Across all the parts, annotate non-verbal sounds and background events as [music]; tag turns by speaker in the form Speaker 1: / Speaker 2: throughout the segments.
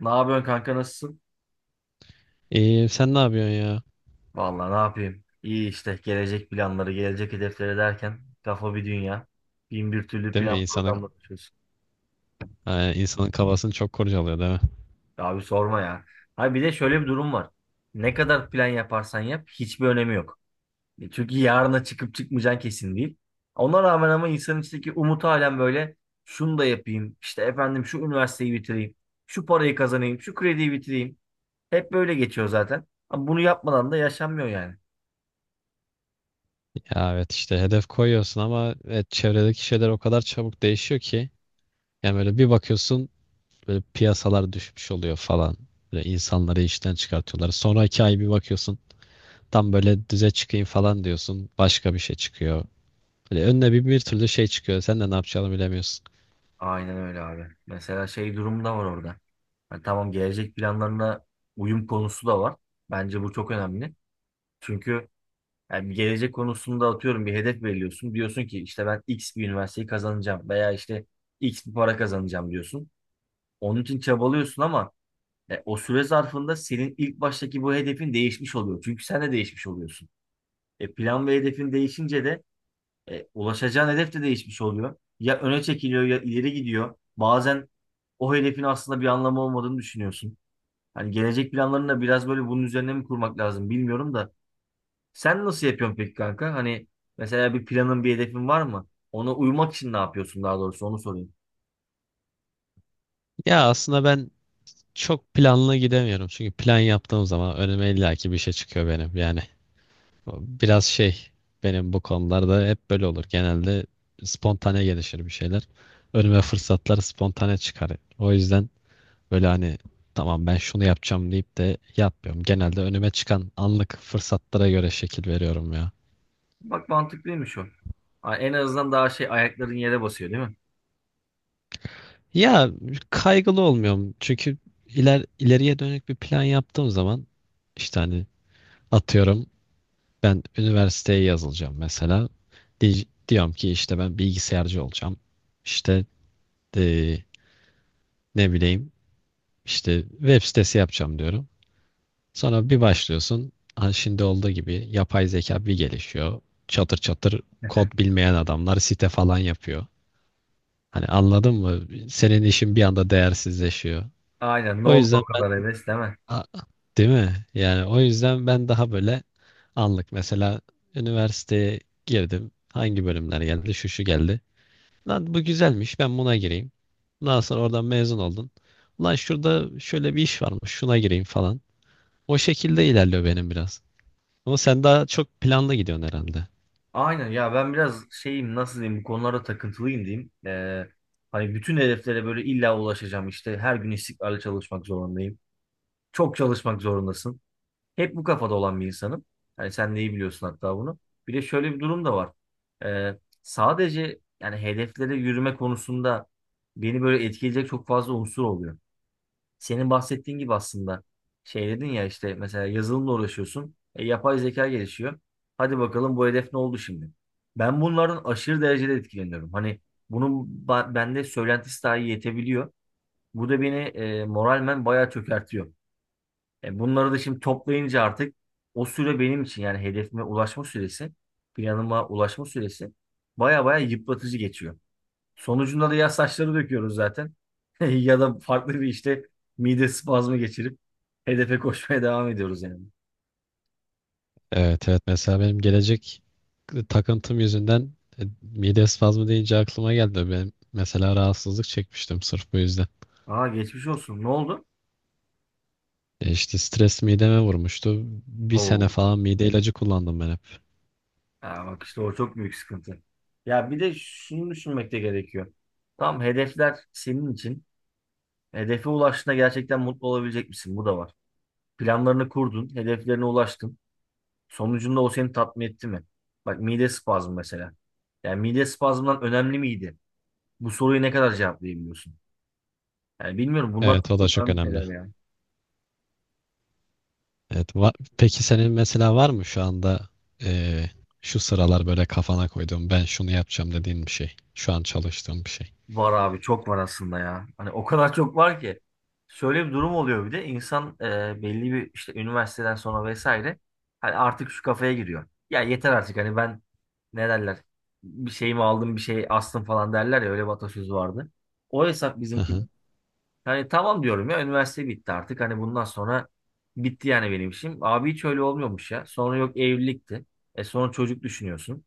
Speaker 1: Ne yapıyorsun kanka nasılsın?
Speaker 2: İyi, sen ne yapıyorsun ya?
Speaker 1: Vallahi ne yapayım? İyi işte gelecek planları, gelecek hedefleri derken kafa bir dünya. Bin bir türlü
Speaker 2: Değil mi?
Speaker 1: plan programla çalışıyorsun.
Speaker 2: İnsanın kafasını çok kurcalıyor değil mi?
Speaker 1: Abi sorma ya. Abi bir de şöyle bir durum var. Ne kadar plan yaparsan yap hiçbir önemi yok. Çünkü yarına çıkıp çıkmayacağın kesin değil. Ona rağmen ama insanın içindeki umut halen böyle şunu da yapayım. İşte efendim şu üniversiteyi bitireyim. Şu parayı kazanayım. Şu krediyi bitireyim. Hep böyle geçiyor zaten. Ama bunu yapmadan da yaşanmıyor yani.
Speaker 2: Ya evet işte hedef koyuyorsun ama evet, çevredeki şeyler o kadar çabuk değişiyor ki. Yani böyle bir bakıyorsun, böyle piyasalar düşmüş oluyor falan. Böyle insanları işten çıkartıyorlar. Sonraki ay bir bakıyorsun, tam böyle düze çıkayım falan diyorsun. Başka bir şey çıkıyor. Böyle önüne bir türlü şey çıkıyor. Sen de ne yapacağını bilemiyorsun.
Speaker 1: Aynen öyle abi. Mesela şey durumu da var orada. Hani tamam gelecek planlarına uyum konusu da var. Bence bu çok önemli. Çünkü yani bir gelecek konusunda atıyorum bir hedef belirliyorsun. Diyorsun ki işte ben X bir üniversiteyi kazanacağım veya işte X bir para kazanacağım diyorsun. Onun için çabalıyorsun ama o süre zarfında senin ilk baştaki bu hedefin değişmiş oluyor. Çünkü sen de değişmiş oluyorsun. Plan ve hedefin değişince de ulaşacağın hedef de değişmiş oluyor. Ya öne çekiliyor ya ileri gidiyor. Bazen o hedefin aslında bir anlamı olmadığını düşünüyorsun. Hani gelecek planlarını da biraz böyle bunun üzerine mi kurmak lazım bilmiyorum da. Sen nasıl yapıyorsun peki kanka? Hani mesela bir planın bir hedefin var mı? Ona uymak için ne yapıyorsun daha doğrusu onu sorayım.
Speaker 2: Ya aslında ben çok planlı gidemiyorum. Çünkü plan yaptığım zaman önüme illaki bir şey çıkıyor benim yani. Biraz şey, benim bu konularda hep böyle olur. Genelde spontane gelişir bir şeyler. Önüme fırsatlar spontane çıkar. O yüzden böyle hani, tamam ben şunu yapacağım deyip de yapmıyorum. Genelde önüme çıkan anlık fırsatlara göre şekil veriyorum ya.
Speaker 1: Bak mantıklıymış o. Ha, en azından daha şey ayakların yere basıyor değil mi?
Speaker 2: Ya kaygılı olmuyorum. Çünkü ileriye dönük bir plan yaptığım zaman işte hani, atıyorum, ben üniversiteye yazılacağım mesela. Diyorum ki işte ben bilgisayarcı olacağım. İşte e, ne bileyim, işte web sitesi yapacağım diyorum. Sonra bir başlıyorsun. Hani şimdi olduğu gibi yapay zeka bir gelişiyor. Çatır çatır kod bilmeyen adamlar site falan yapıyor. Hani anladın mı? Senin işin bir anda değersizleşiyor.
Speaker 1: Aynen ne
Speaker 2: O
Speaker 1: oldu
Speaker 2: yüzden
Speaker 1: o
Speaker 2: ben
Speaker 1: kadar heves değil mi?
Speaker 2: A- değil mi? Yani o yüzden ben daha böyle anlık, mesela üniversiteye girdim. Hangi bölümler geldi? Şu şu geldi. Lan bu güzelmiş, ben buna gireyim. Daha sonra oradan mezun oldun. Lan şurada şöyle bir iş varmış, şuna gireyim falan. O şekilde ilerliyor benim biraz. Ama sen daha çok planlı gidiyorsun herhalde.
Speaker 1: Aynen ya ben biraz şeyim nasıl diyeyim bu konulara takıntılıyım diyeyim. Hani bütün hedeflere böyle illa ulaşacağım işte her gün istikrarlı çalışmak zorundayım. Çok çalışmak zorundasın. Hep bu kafada olan bir insanım. Hani sen neyi biliyorsun hatta bunu. Bir de şöyle bir durum da var. Sadece yani hedeflere yürüme konusunda beni böyle etkileyecek çok fazla unsur oluyor. Senin bahsettiğin gibi aslında şey dedin ya işte mesela yazılımla uğraşıyorsun. Yapay zeka gelişiyor. Hadi bakalım bu hedef ne oldu şimdi? Ben bunlardan aşırı derecede etkileniyorum. Hani bunun bende söylentisi dahi yetebiliyor. Bu da beni moralmen bayağı çökertiyor. Bunları da şimdi toplayınca artık o süre benim için yani hedefime ulaşma süresi, planıma ulaşma süresi baya baya yıpratıcı geçiyor. Sonucunda da ya saçları döküyoruz zaten [laughs] ya da farklı bir işte mide spazmı geçirip hedefe koşmaya devam ediyoruz yani.
Speaker 2: Evet, evet, mesela benim gelecek takıntım yüzünden, mide spazmı deyince aklıma geldi. Ben mesela rahatsızlık çekmiştim sırf bu yüzden.
Speaker 1: Aa geçmiş olsun. Ne oldu?
Speaker 2: E işte stres mideme vurmuştu. Bir sene
Speaker 1: Oo.
Speaker 2: falan mide ilacı kullandım ben hep.
Speaker 1: Aa, bak işte o çok büyük sıkıntı. Ya bir de şunu düşünmek de gerekiyor. Tam hedefler senin için. Hedefe ulaştığında gerçekten mutlu olabilecek misin? Bu da var. Planlarını kurdun, hedeflerine ulaştın. Sonucunda o seni tatmin etti mi? Bak mide spazmı mesela. Yani mide spazmından önemli miydi? Bu soruyu ne kadar cevaplayabiliyorsun? Yani bilmiyorum bunlar
Speaker 2: Evet,
Speaker 1: çok
Speaker 2: o da
Speaker 1: çok
Speaker 2: çok
Speaker 1: önemli
Speaker 2: önemli.
Speaker 1: şeyler ya.
Speaker 2: Evet. Peki senin mesela var mı şu anda, eee, şu sıralar böyle kafana koyduğum ben şunu yapacağım dediğin bir şey? Şu an çalıştığım bir şey.
Speaker 1: Var abi çok var aslında ya. Hani o kadar çok var ki. Şöyle bir durum oluyor bir de insan belli bir işte üniversiteden sonra vesaire hani artık şu kafaya giriyor. Ya yeter artık hani ben ne derler bir şeyimi aldım bir şey astım falan derler ya öyle bir atasözü vardı. O hesap
Speaker 2: Hı
Speaker 1: bizimki.
Speaker 2: hı.
Speaker 1: Hani tamam diyorum ya üniversite bitti artık hani bundan sonra bitti yani benim işim. Abi hiç öyle olmuyormuş ya. Sonra yok evlilikti. Sonra çocuk düşünüyorsun.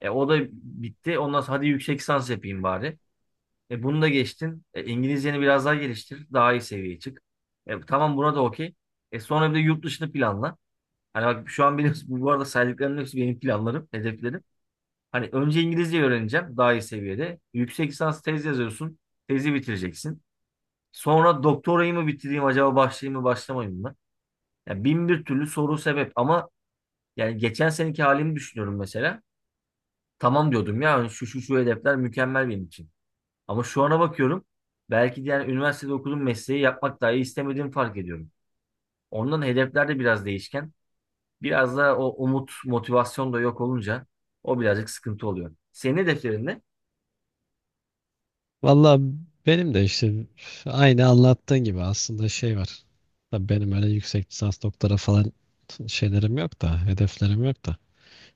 Speaker 1: O da bitti. Ondan sonra hadi yüksek lisans yapayım bari. Bunu da geçtin. İngilizceni biraz daha geliştir. Daha iyi seviyeye çık. Tamam buna da okey. Sonra bir de yurt dışını planla. Hani bak şu an benim [laughs] bu arada saydıklarımın hepsi benim planlarım, hedeflerim. Hani önce İngilizce öğreneceğim daha iyi seviyede. Yüksek lisans tez yazıyorsun. Tezi bitireceksin. Sonra doktorayı mı bitireyim acaba başlayayım mı başlamayayım mı? Yani bin bir türlü soru sebep ama yani geçen seneki halimi düşünüyorum mesela. Tamam diyordum ya hani şu şu şu hedefler mükemmel benim için. Ama şu ana bakıyorum belki de yani üniversitede okuduğum mesleği yapmak dahi istemediğimi fark ediyorum. Ondan hedefler de biraz değişken. Biraz da o umut, motivasyon da yok olunca o birazcık sıkıntı oluyor. Senin hedeflerin ne?
Speaker 2: Valla benim de işte aynı anlattığın gibi aslında şey var. Tabii benim öyle yüksek lisans doktora falan şeylerim yok da, hedeflerim yok da.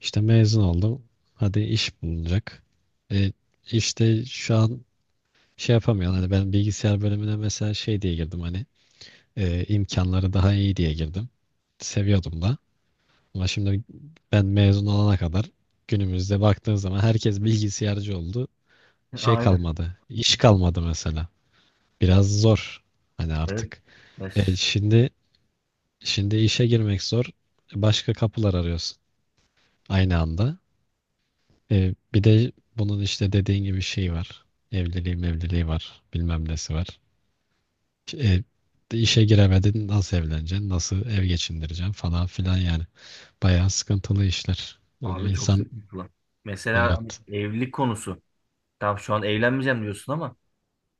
Speaker 2: İşte mezun oldum. Hadi iş bulunacak. E, işte şu an şey yapamıyorum. Hani ben bilgisayar bölümüne mesela şey diye girdim hani. E, imkanları daha iyi diye girdim. Seviyordum da. Ama şimdi ben mezun olana kadar günümüzde baktığın zaman herkes bilgisayarcı oldu.
Speaker 1: [laughs]
Speaker 2: Şey
Speaker 1: Aynen.
Speaker 2: kalmadı. İş kalmadı mesela. Biraz zor. Hani
Speaker 1: Evet.
Speaker 2: artık. E,
Speaker 1: Mes-
Speaker 2: şimdi işe girmek zor. Başka kapılar arıyorsun aynı anda. E, bir de bunun işte dediğin gibi şey var. Evliliği mevliliği var. Bilmem nesi var. E, işe giremedin, nasıl evleneceksin? Nasıl ev geçindireceksin falan filan yani. Bayağı sıkıntılı işler. Böyle
Speaker 1: Abi çok
Speaker 2: insan
Speaker 1: sıkıntı lan. Mesela hani
Speaker 2: evet.
Speaker 1: evlilik konusu. Tam şu an evlenmeyeceğim diyorsun ama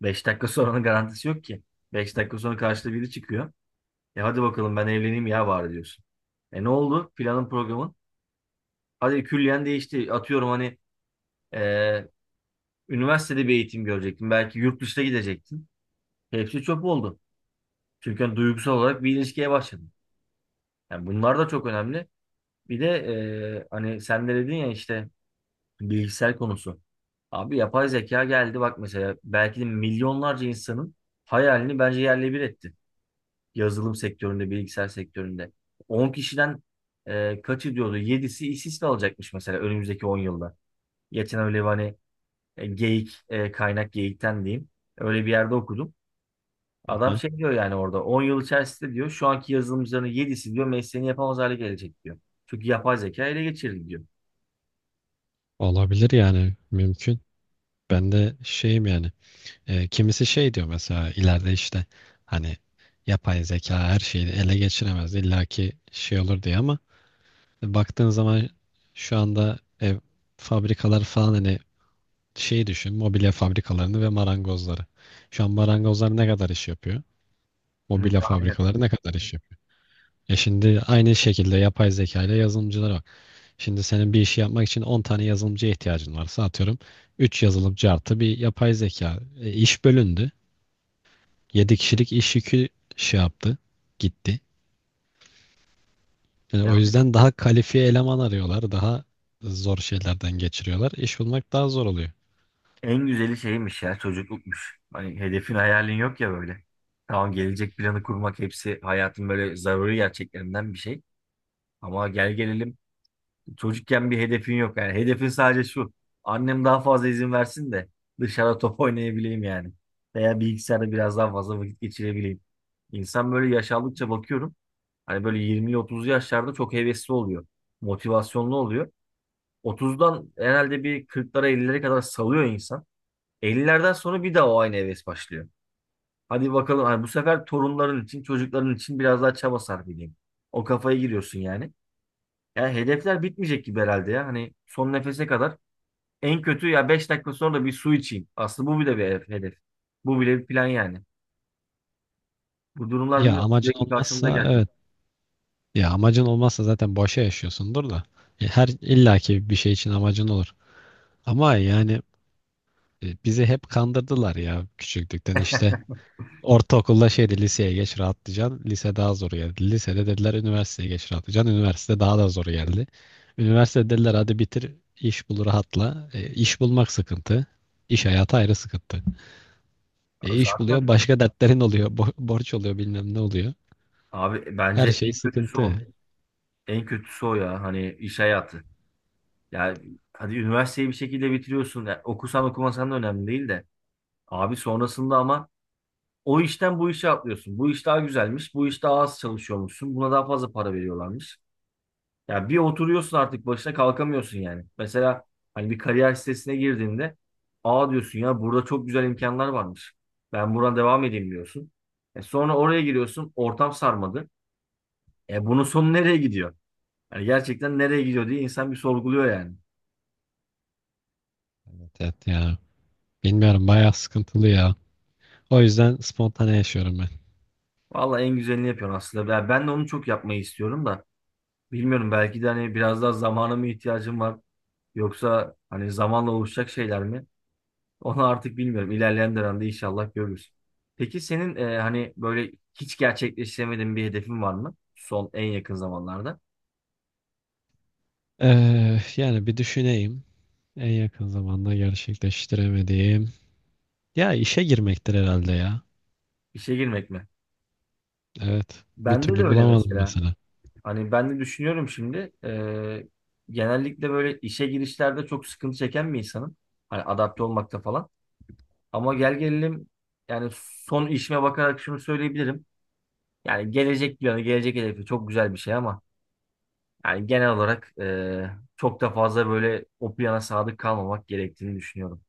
Speaker 1: 5 dakika sonranın garantisi yok ki. 5 dakika sonra karşıda biri çıkıyor. Hadi bakalım ben evleneyim ya bari diyorsun. Ne oldu? Planın programın. Hadi külliyen değişti. Atıyorum hani Ee, üniversitede bir eğitim görecektin. Belki yurt dışına gidecektin. Hepsi çöp oldu. Çünkü hani duygusal olarak bir ilişkiye başladın. Yani bunlar da çok önemli. Bir de hani sen de dedin ya işte bilgisayar konusu. Abi yapay zeka geldi bak mesela belki de milyonlarca insanın hayalini bence yerle bir etti. Yazılım sektöründe, bilgisayar sektöründe. 10 kişiden kaçı diyordu? 7'si işsiz kalacakmış mesela önümüzdeki 10 yılda. Geçen öyle bir hani Geyik, kaynak geyikten diyeyim. Öyle bir yerde okudum. Adam
Speaker 2: Aha.
Speaker 1: şey diyor yani orada 10 yıl içerisinde diyor şu anki yazılımcıların yedisi diyor mesleğini yapamaz hale gelecek diyor. Çünkü yapay zeka ele geçirdi diyor.
Speaker 2: Olabilir yani, mümkün. Ben de şeyim yani. E, kimisi şey diyor mesela, ileride işte hani yapay zeka her şeyi ele geçiremez. Illaki şey olur diye ama baktığın zaman şu anda ev, fabrikalar falan, hani şey düşün, mobilya fabrikalarını ve marangozları. Şu an marangozlar ne kadar iş yapıyor?
Speaker 1: Hı.
Speaker 2: Mobilya
Speaker 1: Aynen.
Speaker 2: fabrikaları ne kadar iş yapıyor? E şimdi aynı şekilde yapay zeka ile yazılımcılar var. Şimdi senin bir işi yapmak için 10 tane yazılımcıya ihtiyacın varsa, atıyorum, 3 yazılımcı artı bir yapay zeka. E, iş bölündü. Yedi kişilik iş yükü şey yaptı. Gitti. Yani
Speaker 1: Ya
Speaker 2: o yüzden daha kalifiye eleman arıyorlar. Daha zor şeylerden geçiriyorlar. İş bulmak daha zor oluyor.
Speaker 1: en güzeli şeymiş ya çocuklukmuş. Hani hedefin hayalin yok ya böyle. Tamam gelecek planı kurmak hepsi hayatın böyle zaruri gerçeklerinden bir şey. Ama gel gelelim çocukken bir hedefin yok yani. Hedefin sadece şu. Annem daha fazla izin versin de dışarıda top oynayabileyim yani. Veya bilgisayarda biraz daha fazla vakit geçirebileyim. İnsan böyle yaş aldıkça bakıyorum. Hani böyle 20'li 30'lu yaşlarda çok hevesli oluyor. Motivasyonlu oluyor. 30'dan herhalde bir 40'lara 50'lere kadar salıyor insan. 50'lerden sonra bir daha o aynı heves başlıyor. Hadi bakalım hani bu sefer torunların için, çocukların için biraz daha çaba sarf edeyim. O kafaya giriyorsun yani. Yani hedefler bitmeyecek gibi herhalde ya. Hani son nefese kadar en kötü ya 5 dakika sonra da bir su içeyim. Aslında bu bile bir hedef. Hedef. Bu bile bir plan yani. Bu durumlar
Speaker 2: Ya
Speaker 1: bilmiyorum
Speaker 2: amacın
Speaker 1: sürekli karşımıza
Speaker 2: olmazsa
Speaker 1: gelecek.
Speaker 2: evet. Ya amacın olmazsa zaten boşa yaşıyorsundur da. E, her illaki bir şey için amacın olur. Ama yani, bizi hep kandırdılar ya, küçüklükten işte, ortaokulda şeydi, liseye geç rahatlayacaksın. Lise daha zor geldi. Lisede dediler üniversiteye geç rahatlayacaksın. Üniversite daha da zor geldi. Üniversitede dediler hadi bitir, iş bul, rahatla. E, iş bulmak sıkıntı. İş hayatı ayrı sıkıntı. E, iş buluyor,
Speaker 1: Zaten
Speaker 2: başka dertlerin oluyor. Borç oluyor, bilmem ne oluyor.
Speaker 1: abi
Speaker 2: Her
Speaker 1: bence
Speaker 2: şey
Speaker 1: en kötüsü o.
Speaker 2: sıkıntı.
Speaker 1: En kötüsü o ya hani iş hayatı. Yani hadi üniversiteyi bir şekilde bitiriyorsun. Yani okusan okumasan da önemli değil de. Abi sonrasında ama o işten bu işe atlıyorsun. Bu iş daha güzelmiş. Bu iş daha az çalışıyormuşsun. Buna daha fazla para veriyorlarmış. Ya bir oturuyorsun artık başına kalkamıyorsun yani. Mesela hani bir kariyer sitesine girdiğinde aa diyorsun ya burada çok güzel imkanlar varmış. Ben buradan devam edeyim diyorsun. Sonra oraya giriyorsun ortam sarmadı. Bunun sonu nereye gidiyor? Yani gerçekten nereye gidiyor diye insan bir sorguluyor yani.
Speaker 2: Evet, evet ya. Bilmiyorum, bayağı sıkıntılı ya. O yüzden spontane yaşıyorum ben.
Speaker 1: Vallahi en güzelini yapıyorsun aslında. Ben de onu çok yapmayı istiyorum da. Bilmiyorum belki de hani biraz daha zamana mı ihtiyacım var? Yoksa hani zamanla oluşacak şeyler mi? Onu artık bilmiyorum. İlerleyen dönemde inşallah görürüz. Peki senin hani böyle hiç gerçekleştiremediğin bir hedefin var mı? Son en yakın zamanlarda.
Speaker 2: Yani bir düşüneyim. En yakın zamanda gerçekleştiremediğim. Ya işe girmektir herhalde ya.
Speaker 1: İşe girmek mi?
Speaker 2: Evet. Bir
Speaker 1: Bende de
Speaker 2: türlü
Speaker 1: öyle
Speaker 2: bulamadım
Speaker 1: mesela.
Speaker 2: mesela.
Speaker 1: Hani ben de düşünüyorum şimdi. Genellikle böyle işe girişlerde çok sıkıntı çeken bir insanım. Hani adapte olmakta falan. Ama gel gelelim yani son işime bakarak şunu söyleyebilirim. Yani gelecek planı, gelecek hedefi çok güzel bir şey ama yani genel olarak çok da fazla böyle o plana sadık kalmamak gerektiğini düşünüyorum.